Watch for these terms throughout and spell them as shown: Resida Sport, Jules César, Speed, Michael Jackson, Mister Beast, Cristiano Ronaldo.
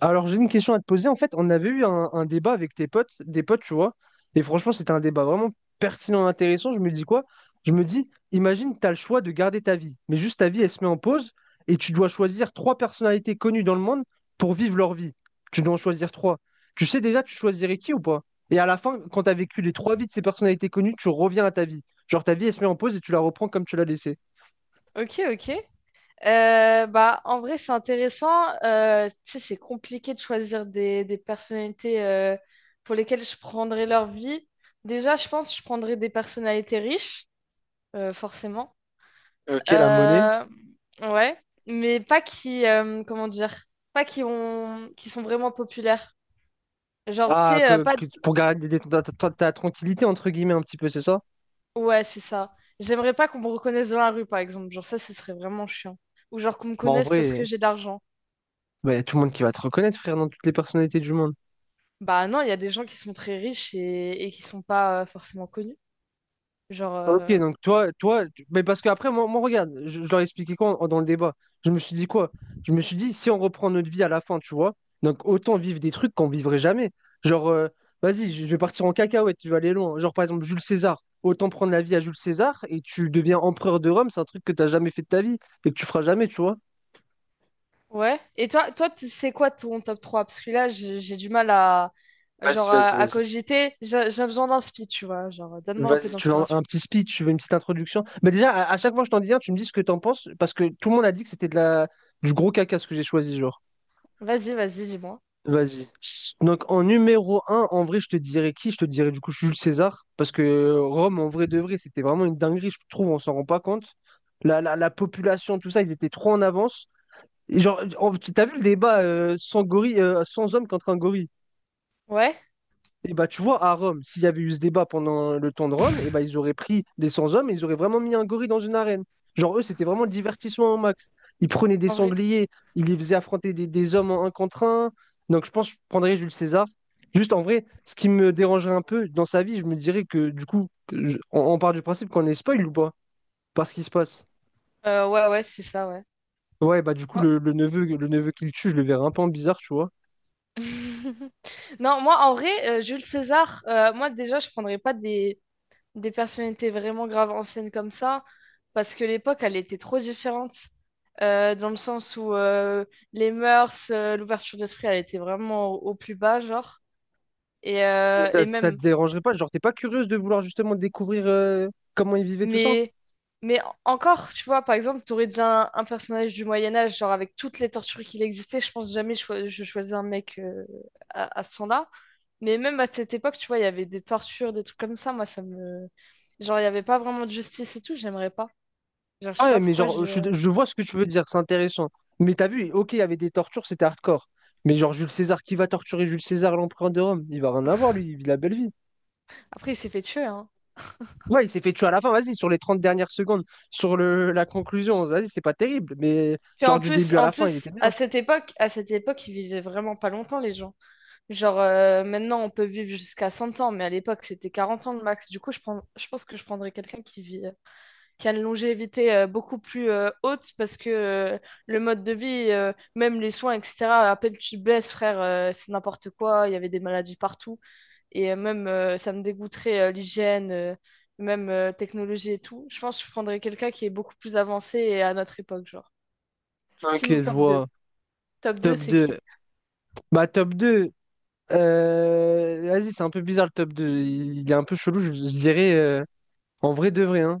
Alors, j'ai une question à te poser. En fait, on avait eu un débat avec tes potes, des potes, tu vois. Et franchement, c'était un débat vraiment pertinent, intéressant. Je me dis quoi? Je me dis, imagine, tu as le choix de garder ta vie, mais juste ta vie, elle se met en pause et tu dois choisir trois personnalités connues dans le monde pour vivre leur vie. Tu dois en choisir trois. Tu sais déjà, tu choisirais qui ou pas? Et à la fin, quand tu as vécu les trois vies de ces personnalités connues, tu reviens à ta vie. Genre, ta vie, elle se met en pause et tu la reprends comme tu l'as laissée. Ok, ok. Bah, en vrai, c'est intéressant. Tu sais, c'est compliqué de choisir des personnalités pour lesquelles je prendrais leur vie. Déjà, je pense que je prendrais des personnalités riches, forcément. Ok, la monnaie. Euh, ouais, mais pas qui, comment dire, pas qui ont, qui sont vraiment populaires. Genre, tu Ah, sais, pas. Pour garder ta tranquillité, entre guillemets, un petit peu, c'est ça? Ouais, c'est ça. J'aimerais pas qu'on me reconnaisse dans la rue, par exemple. Genre, ça, ce serait vraiment chiant. Ou genre qu'on me Bah, en connaisse parce que vrai, j'ai d'argent. bah, y a tout le monde qui va te reconnaître, frère, dans toutes les personnalités du monde. Bah non, il y a des gens qui sont très riches et qui sont pas forcément connus. Genre, Ok, donc mais parce qu'après, moi, regarde, je leur ai expliqué quoi dans le débat. Je me suis dit quoi? Je me suis dit, si on reprend notre vie à la fin, tu vois, donc autant vivre des trucs qu'on vivrait jamais. Genre, vas-y, je vais partir en cacahuète, je vais aller loin. Genre, par exemple, Jules César, autant prendre la vie à Jules César et tu deviens empereur de Rome, c'est un truc que t'as jamais fait de ta vie et que tu feras jamais, tu vois. ouais. Et toi, c'est quoi ton top trois? Parce que là, j'ai du mal à, Vas-y, genre, à, vas-y, à vas-y. cogiter. J'ai besoin d'inspi, tu vois. Genre, donne-moi un peu Vas-y, tu veux un, d'inspiration. un petit speech, tu veux une petite introduction. Mais déjà, à chaque fois que je t'en dis un, tu me dis ce que t'en penses, parce que tout le monde a dit que c'était du gros caca ce que j'ai choisi, genre. Vas-y, vas-y, dis-moi. Vas-y. Donc en numéro un en vrai, je te dirais qui? Je te dirais du coup Jules César, parce que Rome, en vrai de vrai, c'était vraiment une dinguerie, je trouve, on s'en rend pas compte. La population, tout ça, ils étaient trop en avance. Et genre, t'as vu le débat sans gorille, sans homme contre un gorille? Ouais, Et bah, tu vois, à Rome, s'il y avait eu ce débat pendant le temps de Rome, et bah, ils auraient pris des 100 hommes et ils auraient vraiment mis un gorille dans une arène. Genre, eux, c'était vraiment le divertissement au max. Ils prenaient des en vrai. sangliers, ils les faisaient affronter des hommes en un contre un. Donc, je pense que je prendrais Jules César. Juste en vrai, ce qui me dérangerait un peu dans sa vie, je me dirais que du coup, on part du principe qu'on est spoil ou pas? Parce qu'il se passe. Ouais, ouais, c'est ça, ouais. Ouais, bah, du coup, Bon. le neveu qu'il tue, je le verrais un peu en bizarre, tu vois. Non, moi, en vrai, Jules César, moi, déjà, je prendrais pas des personnalités vraiment graves anciennes comme ça, parce que l'époque, elle était trop différente, dans le sens où les mœurs, l'ouverture d'esprit, elle était vraiment au plus bas, genre. Et, Mais euh, Ça, et ça te même, dérangerait pas? Genre, t'es pas curieuse de vouloir justement découvrir comment ils vivaient tout ça? mais, mais encore, tu vois, par exemple, tu aurais déjà un personnage du Moyen-Âge, genre avec toutes les tortures qu'il existait, je pense jamais je choisis un mec à ce temps-là. Mais même à cette époque, tu vois, il y avait des tortures, des trucs comme ça, moi, ça me. Genre, il n'y avait pas vraiment de justice et tout, j'aimerais pas. Genre, je sais Ah ouais, pas mais pourquoi genre, je, je. je vois ce que tu veux dire, c'est intéressant. Mais t'as vu, ok, il y avait des tortures, c'était hardcore. Mais genre, Jules César, qui va torturer Jules César, l'empereur de Rome? Il va rien avoir, lui, il vit la belle vie. Après, il s'est fait tuer, hein. Ouais, il s'est fait tuer à la fin, vas-y, sur les 30 dernières secondes, sur la conclusion, vas-y, c'est pas terrible. Mais Puis en genre, du plus, début à la fin, il était à bien. cette époque, ils vivaient vraiment pas longtemps, les gens. Genre, maintenant, on peut vivre jusqu'à 100 ans, mais à l'époque, c'était 40 ans le max. Du coup, je pense que je prendrais quelqu'un qui vit, qui a une longévité beaucoup plus haute parce que le mode de vie, même les soins, etc., à peine tu te blesses, frère, c'est n'importe quoi. Il y avait des maladies partout. Et même, ça me dégoûterait l'hygiène, même technologie et tout. Je pense que je prendrais quelqu'un qui est beaucoup plus avancé et à notre époque, genre. Ok, Sinon, je top deux. vois. Top deux, Top c'est qui? 2. Bah, top 2. Vas-y, c'est un peu bizarre le top 2. Il est un peu chelou, je dirais. En vrai, de vrai, hein.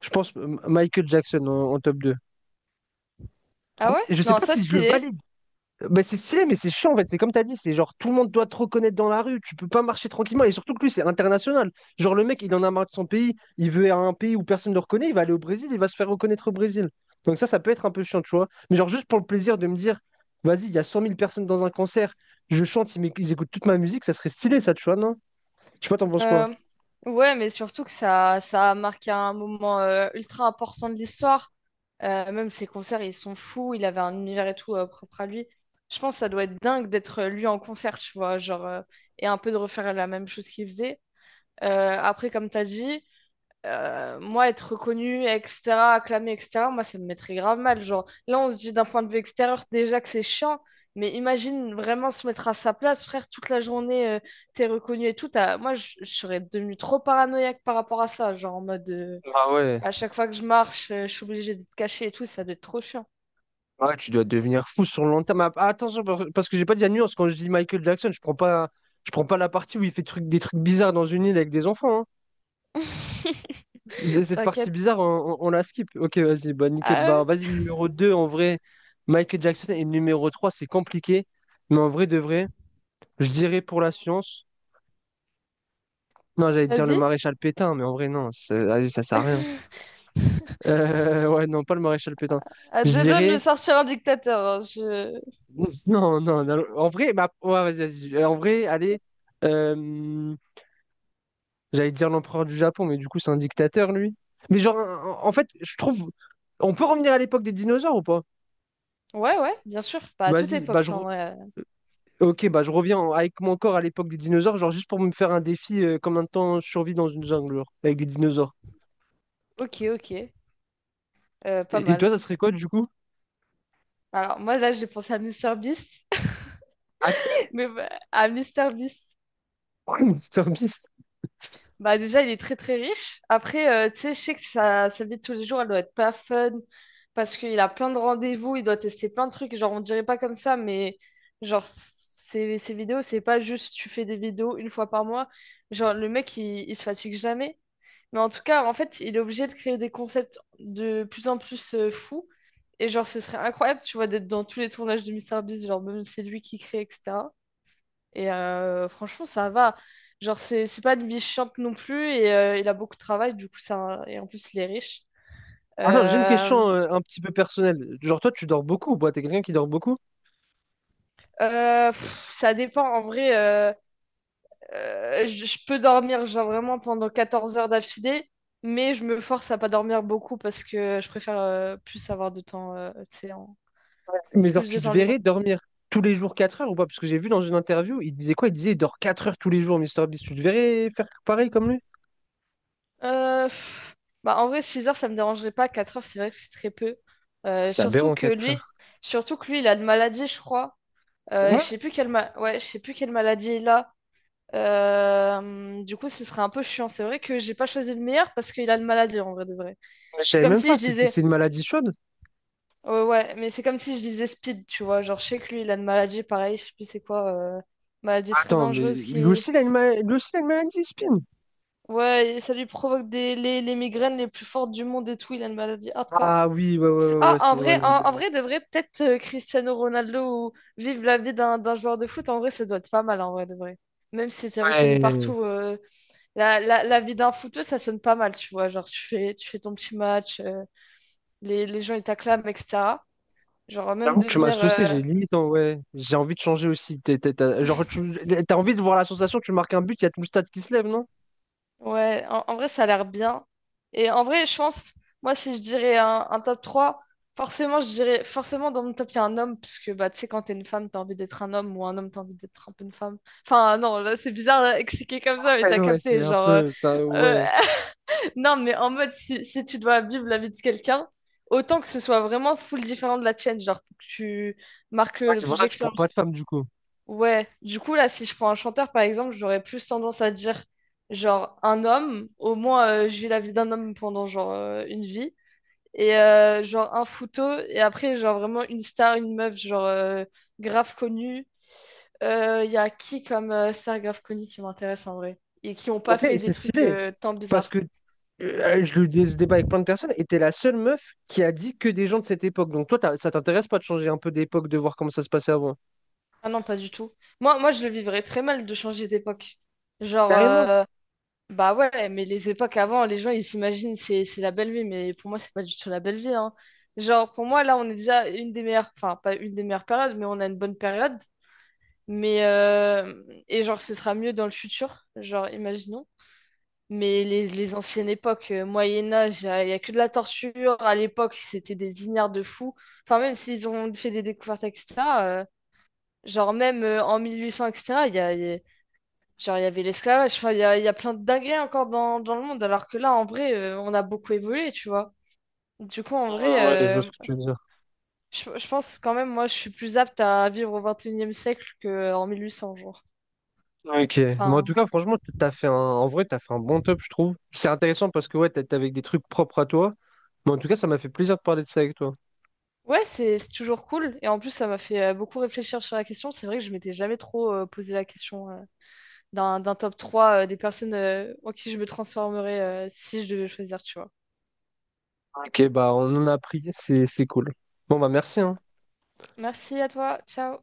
Je pense Michael Jackson en top 2. Ah En ouais? fait, je sais Non, pas ça, si je le stylé. valide. Bah, c'est stylé, mais c'est chiant en fait. C'est comme t'as dit, c'est genre tout le monde doit te reconnaître dans la rue. Tu peux pas marcher tranquillement. Et surtout que lui, c'est international. Genre le mec, il en a marre de son pays. Il veut aller à un pays où personne ne le reconnaît. Il va aller au Brésil. Il va se faire reconnaître au Brésil. Donc ça peut être un peu chiant, tu vois. Mais genre juste pour le plaisir de me dire, vas-y, il y a 100 000 personnes dans un concert. Je chante, ils écoutent toute ma musique. Ça serait stylé, ça, tu vois, non? Je sais pas, t'en penses quoi? Euh, ouais, mais surtout que ça a marqué un moment ultra important de l'histoire. Même ses concerts, ils sont fous. Il avait un univers et tout propre à lui. Je pense que ça doit être dingue d'être lui en concert, tu vois, genre, et un peu de refaire la même chose qu'il faisait. Après, comme t'as dit, moi, être reconnu, etc., acclamé, etc., moi, ça me mettrait grave mal. Genre, là, on se dit d'un point de vue extérieur déjà que c'est chiant, mais imagine vraiment se mettre à sa place, frère, toute la journée, t'es reconnu et tout. Moi, je serais devenue trop paranoïaque par rapport à ça. Genre, en mode, Ah ouais. à chaque fois que je marche, je suis obligée d'être cachée et tout, ça doit être trop chiant. Ouais, tu dois devenir fou sur le long terme. Ah, attention, parce que j'ai pas dit la nuance. Quand je dis Michael Jackson, je prends pas la partie où il fait des trucs bizarres dans une île avec des enfants, hein. Cette partie T'inquiète. bizarre, on la skip. Ok, vas-y, bah nickel. Ah Bah ouais, vas-y, numéro 2 en vrai, Michael Jackson, et numéro 3 c'est compliqué. Mais en vrai de vrai, je dirais pour la science. Non, j'allais dire le vas-y. maréchal Pétain, mais en vrai, non, vas-y, ça sert à rien. Ouais, non, pas le maréchal Pétain. À Je deux doigts de me dirais. sortir un dictateur, hein, je. Non, non, non, en vrai, bah, ouais, vas-y, vas-y. En vrai, allez, euh, j'allais dire l'empereur du Japon, mais du coup, c'est un dictateur, lui. Mais genre, en fait, je trouve. On peut revenir à l'époque des dinosaures ou pas? Ouais, ouais, bien sûr. Pas à toute Vas-y, bah époque, en vrai. ok, bah je reviens avec mon corps à l'époque des dinosaures, genre juste pour me faire un défi, combien de temps je survis dans une jungle, genre, avec des dinosaures. Ok, ok. Pas Et toi, mal. ça serait quoi du coup? Alors, moi, là, j'ai pensé à Mister Beast. Ah, Mais bah, à Mister Beast. Mr Beast. Bah, déjà, il est très, très riche. Après, tu sais, je sais que sa vie de tous les jours, elle doit être pas fun. Parce qu'il a plein de rendez-vous, il doit tester plein de trucs. Genre, on dirait pas comme ça, mais genre, ses vidéos, c'est pas juste tu fais des vidéos une fois par mois. Genre, le mec, il se fatigue jamais. Mais en tout cas, en fait, il est obligé de créer des concepts de plus en plus fous. Et genre, ce serait incroyable, tu vois, d'être dans tous les tournages de Mister Beast. Genre, même si c'est lui qui crée, etc. Franchement, ça va. Genre, c'est pas une vie chiante non plus. Et il a beaucoup de travail, du coup, ça, et en plus, il est riche. Ah non, j'ai une Euh, question un petit peu personnelle. Genre toi, tu dors beaucoup ou pas? T'es quelqu'un qui dort beaucoup? pff, ça dépend. En vrai, je peux dormir, genre vraiment pendant 14 heures d'affilée. Mais je me force à pas dormir beaucoup parce que je préfère plus avoir de temps, tu sais, Mais genre, plus de tu te temps libre. verrais dormir tous les jours 4 heures ou pas? Parce que j'ai vu dans une interview, il disait quoi? Il disait il dort 4 heures tous les jours, Mister Beast. Tu te verrais faire pareil comme lui? Pff, bah, en vrai, 6 heures, ça me dérangerait pas. 4 heures, c'est vrai que c'est très peu. Euh, C'est surtout aberrant que 4 lui, heures. Il a une maladie, je crois. Je sais plus ouais, je sais plus quelle maladie il a. Du coup, ce serait un peu chiant. C'est vrai que j'ai pas choisi le meilleur parce qu'il a une maladie en vrai de vrai. Mais je C'est savais comme même si pas, je c'était, disais, c'est une maladie chaude. ouais, ouais, mais c'est comme si je disais Speed, tu vois. Genre, je sais que lui, il a une maladie, pareil, je sais plus c'est quoi, euh, maladie très Attends, mais dangereuse lui qui, aussi, il a lui aussi, il a une maladie, Spin. ouais, et ça lui provoque les migraines les plus fortes du monde et tout. Il a une maladie hardcore. Ah oui, ouais, ouais, ouais, ouais, Ah, en c'est ouais, vrai, en, non, bien. en vrai, de vrai, peut-être Cristiano Ronaldo ou vivre la vie d'un joueur de foot, en vrai, ça doit être pas mal, en vrai, de vrai. Même si t'es reconnu Ouais. partout, la vie d'un footeux, ça sonne pas mal, tu vois. Genre, tu fais ton petit match, les gens, ils t'acclament, etc. Genre, même J'avoue que tu m'as devenir, saucé, j'ai limite, hein, ouais. J'ai envie de changer aussi. Genre, t'as envie de voir la sensation, tu marques un but, il y a tout le stade qui se lève, non? ouais, en vrai, ça a l'air bien. Et en vrai, je pense, moi, si je dirais un top trois, forcément, je dirais, forcément, dans mon top, il y a un homme, parce que, bah, tu sais, quand t'es une femme, t'as envie d'être un homme, ou un homme, t'as envie d'être un peu une femme. Enfin, non, là, c'est bizarre là, expliquer comme ça, mais Ouais, t'as ouais, capté, c'est un genre, peu ça, euh, ouais. non, mais en mode, si tu dois vivre la vie de quelqu'un, autant que ce soit vraiment full différent de la tienne, genre, pour que tu marques Ouais, le c'est pour plus ça que tu prends pas de d'expérience. femme, du coup. Ouais, du coup, là, si je prends un chanteur, par exemple, j'aurais plus tendance à dire, genre, un homme, au moins, je vis la vie d'un homme pendant, genre, une vie, et, genre, un photo, et après, genre, vraiment, une star, une meuf, genre, grave connue. Il y a qui comme star grave connue qui m'intéresse en vrai, et qui ont En pas fait, fait des c'est trucs stylé, tant parce bizarres? que ce débat avec plein de personnes, et t'es la seule meuf qui a dit que des gens de cette époque. Donc toi, ça t'intéresse pas de changer un peu d'époque, de voir comment ça se passait avant? Ah non, pas du tout. Moi, je le vivrais très mal de changer d'époque. Genre, Carrément. euh, Bah ouais, mais les époques avant, les gens ils s'imaginent c'est la belle vie, mais pour moi c'est pas du tout la belle vie, hein. Genre pour moi là on est déjà une des meilleures, enfin pas une des meilleures périodes, mais on a une bonne période. Mais et genre ce sera mieux dans le futur, genre imaginons. Mais les anciennes époques, Moyen Âge, y a que de la torture. À l'époque c'était des ignares de fous. Enfin même s'ils ont fait des découvertes, etc., euh, genre même en 1800, etc. Genre, il y avait l'esclavage, enfin, il y a plein de dingueries encore dans le monde, alors que là, en vrai, on a beaucoup évolué, tu vois. Du coup, en vrai, Mm, ouais, je vois ce euh, que tu veux dire. je pense quand même, moi, je suis plus apte à vivre au 21e siècle qu'en 1800, genre. Ok, mais en tout Enfin, cas, franchement, en vrai, t'as fait un bon top, je trouve. C'est intéressant parce que ouais, t'es avec des trucs propres à toi. Mais en tout cas, ça m'a fait plaisir de parler de ça avec toi. ouais, c'est toujours cool. Et en plus, ça m'a fait beaucoup réfléchir sur la question. C'est vrai que je m'étais jamais trop posé la question d'un top 3 des personnes en qui je me transformerais si je devais choisir, tu vois. Ok, bah on en a appris, c'est cool. Bon bah merci, hein. Merci à toi, ciao.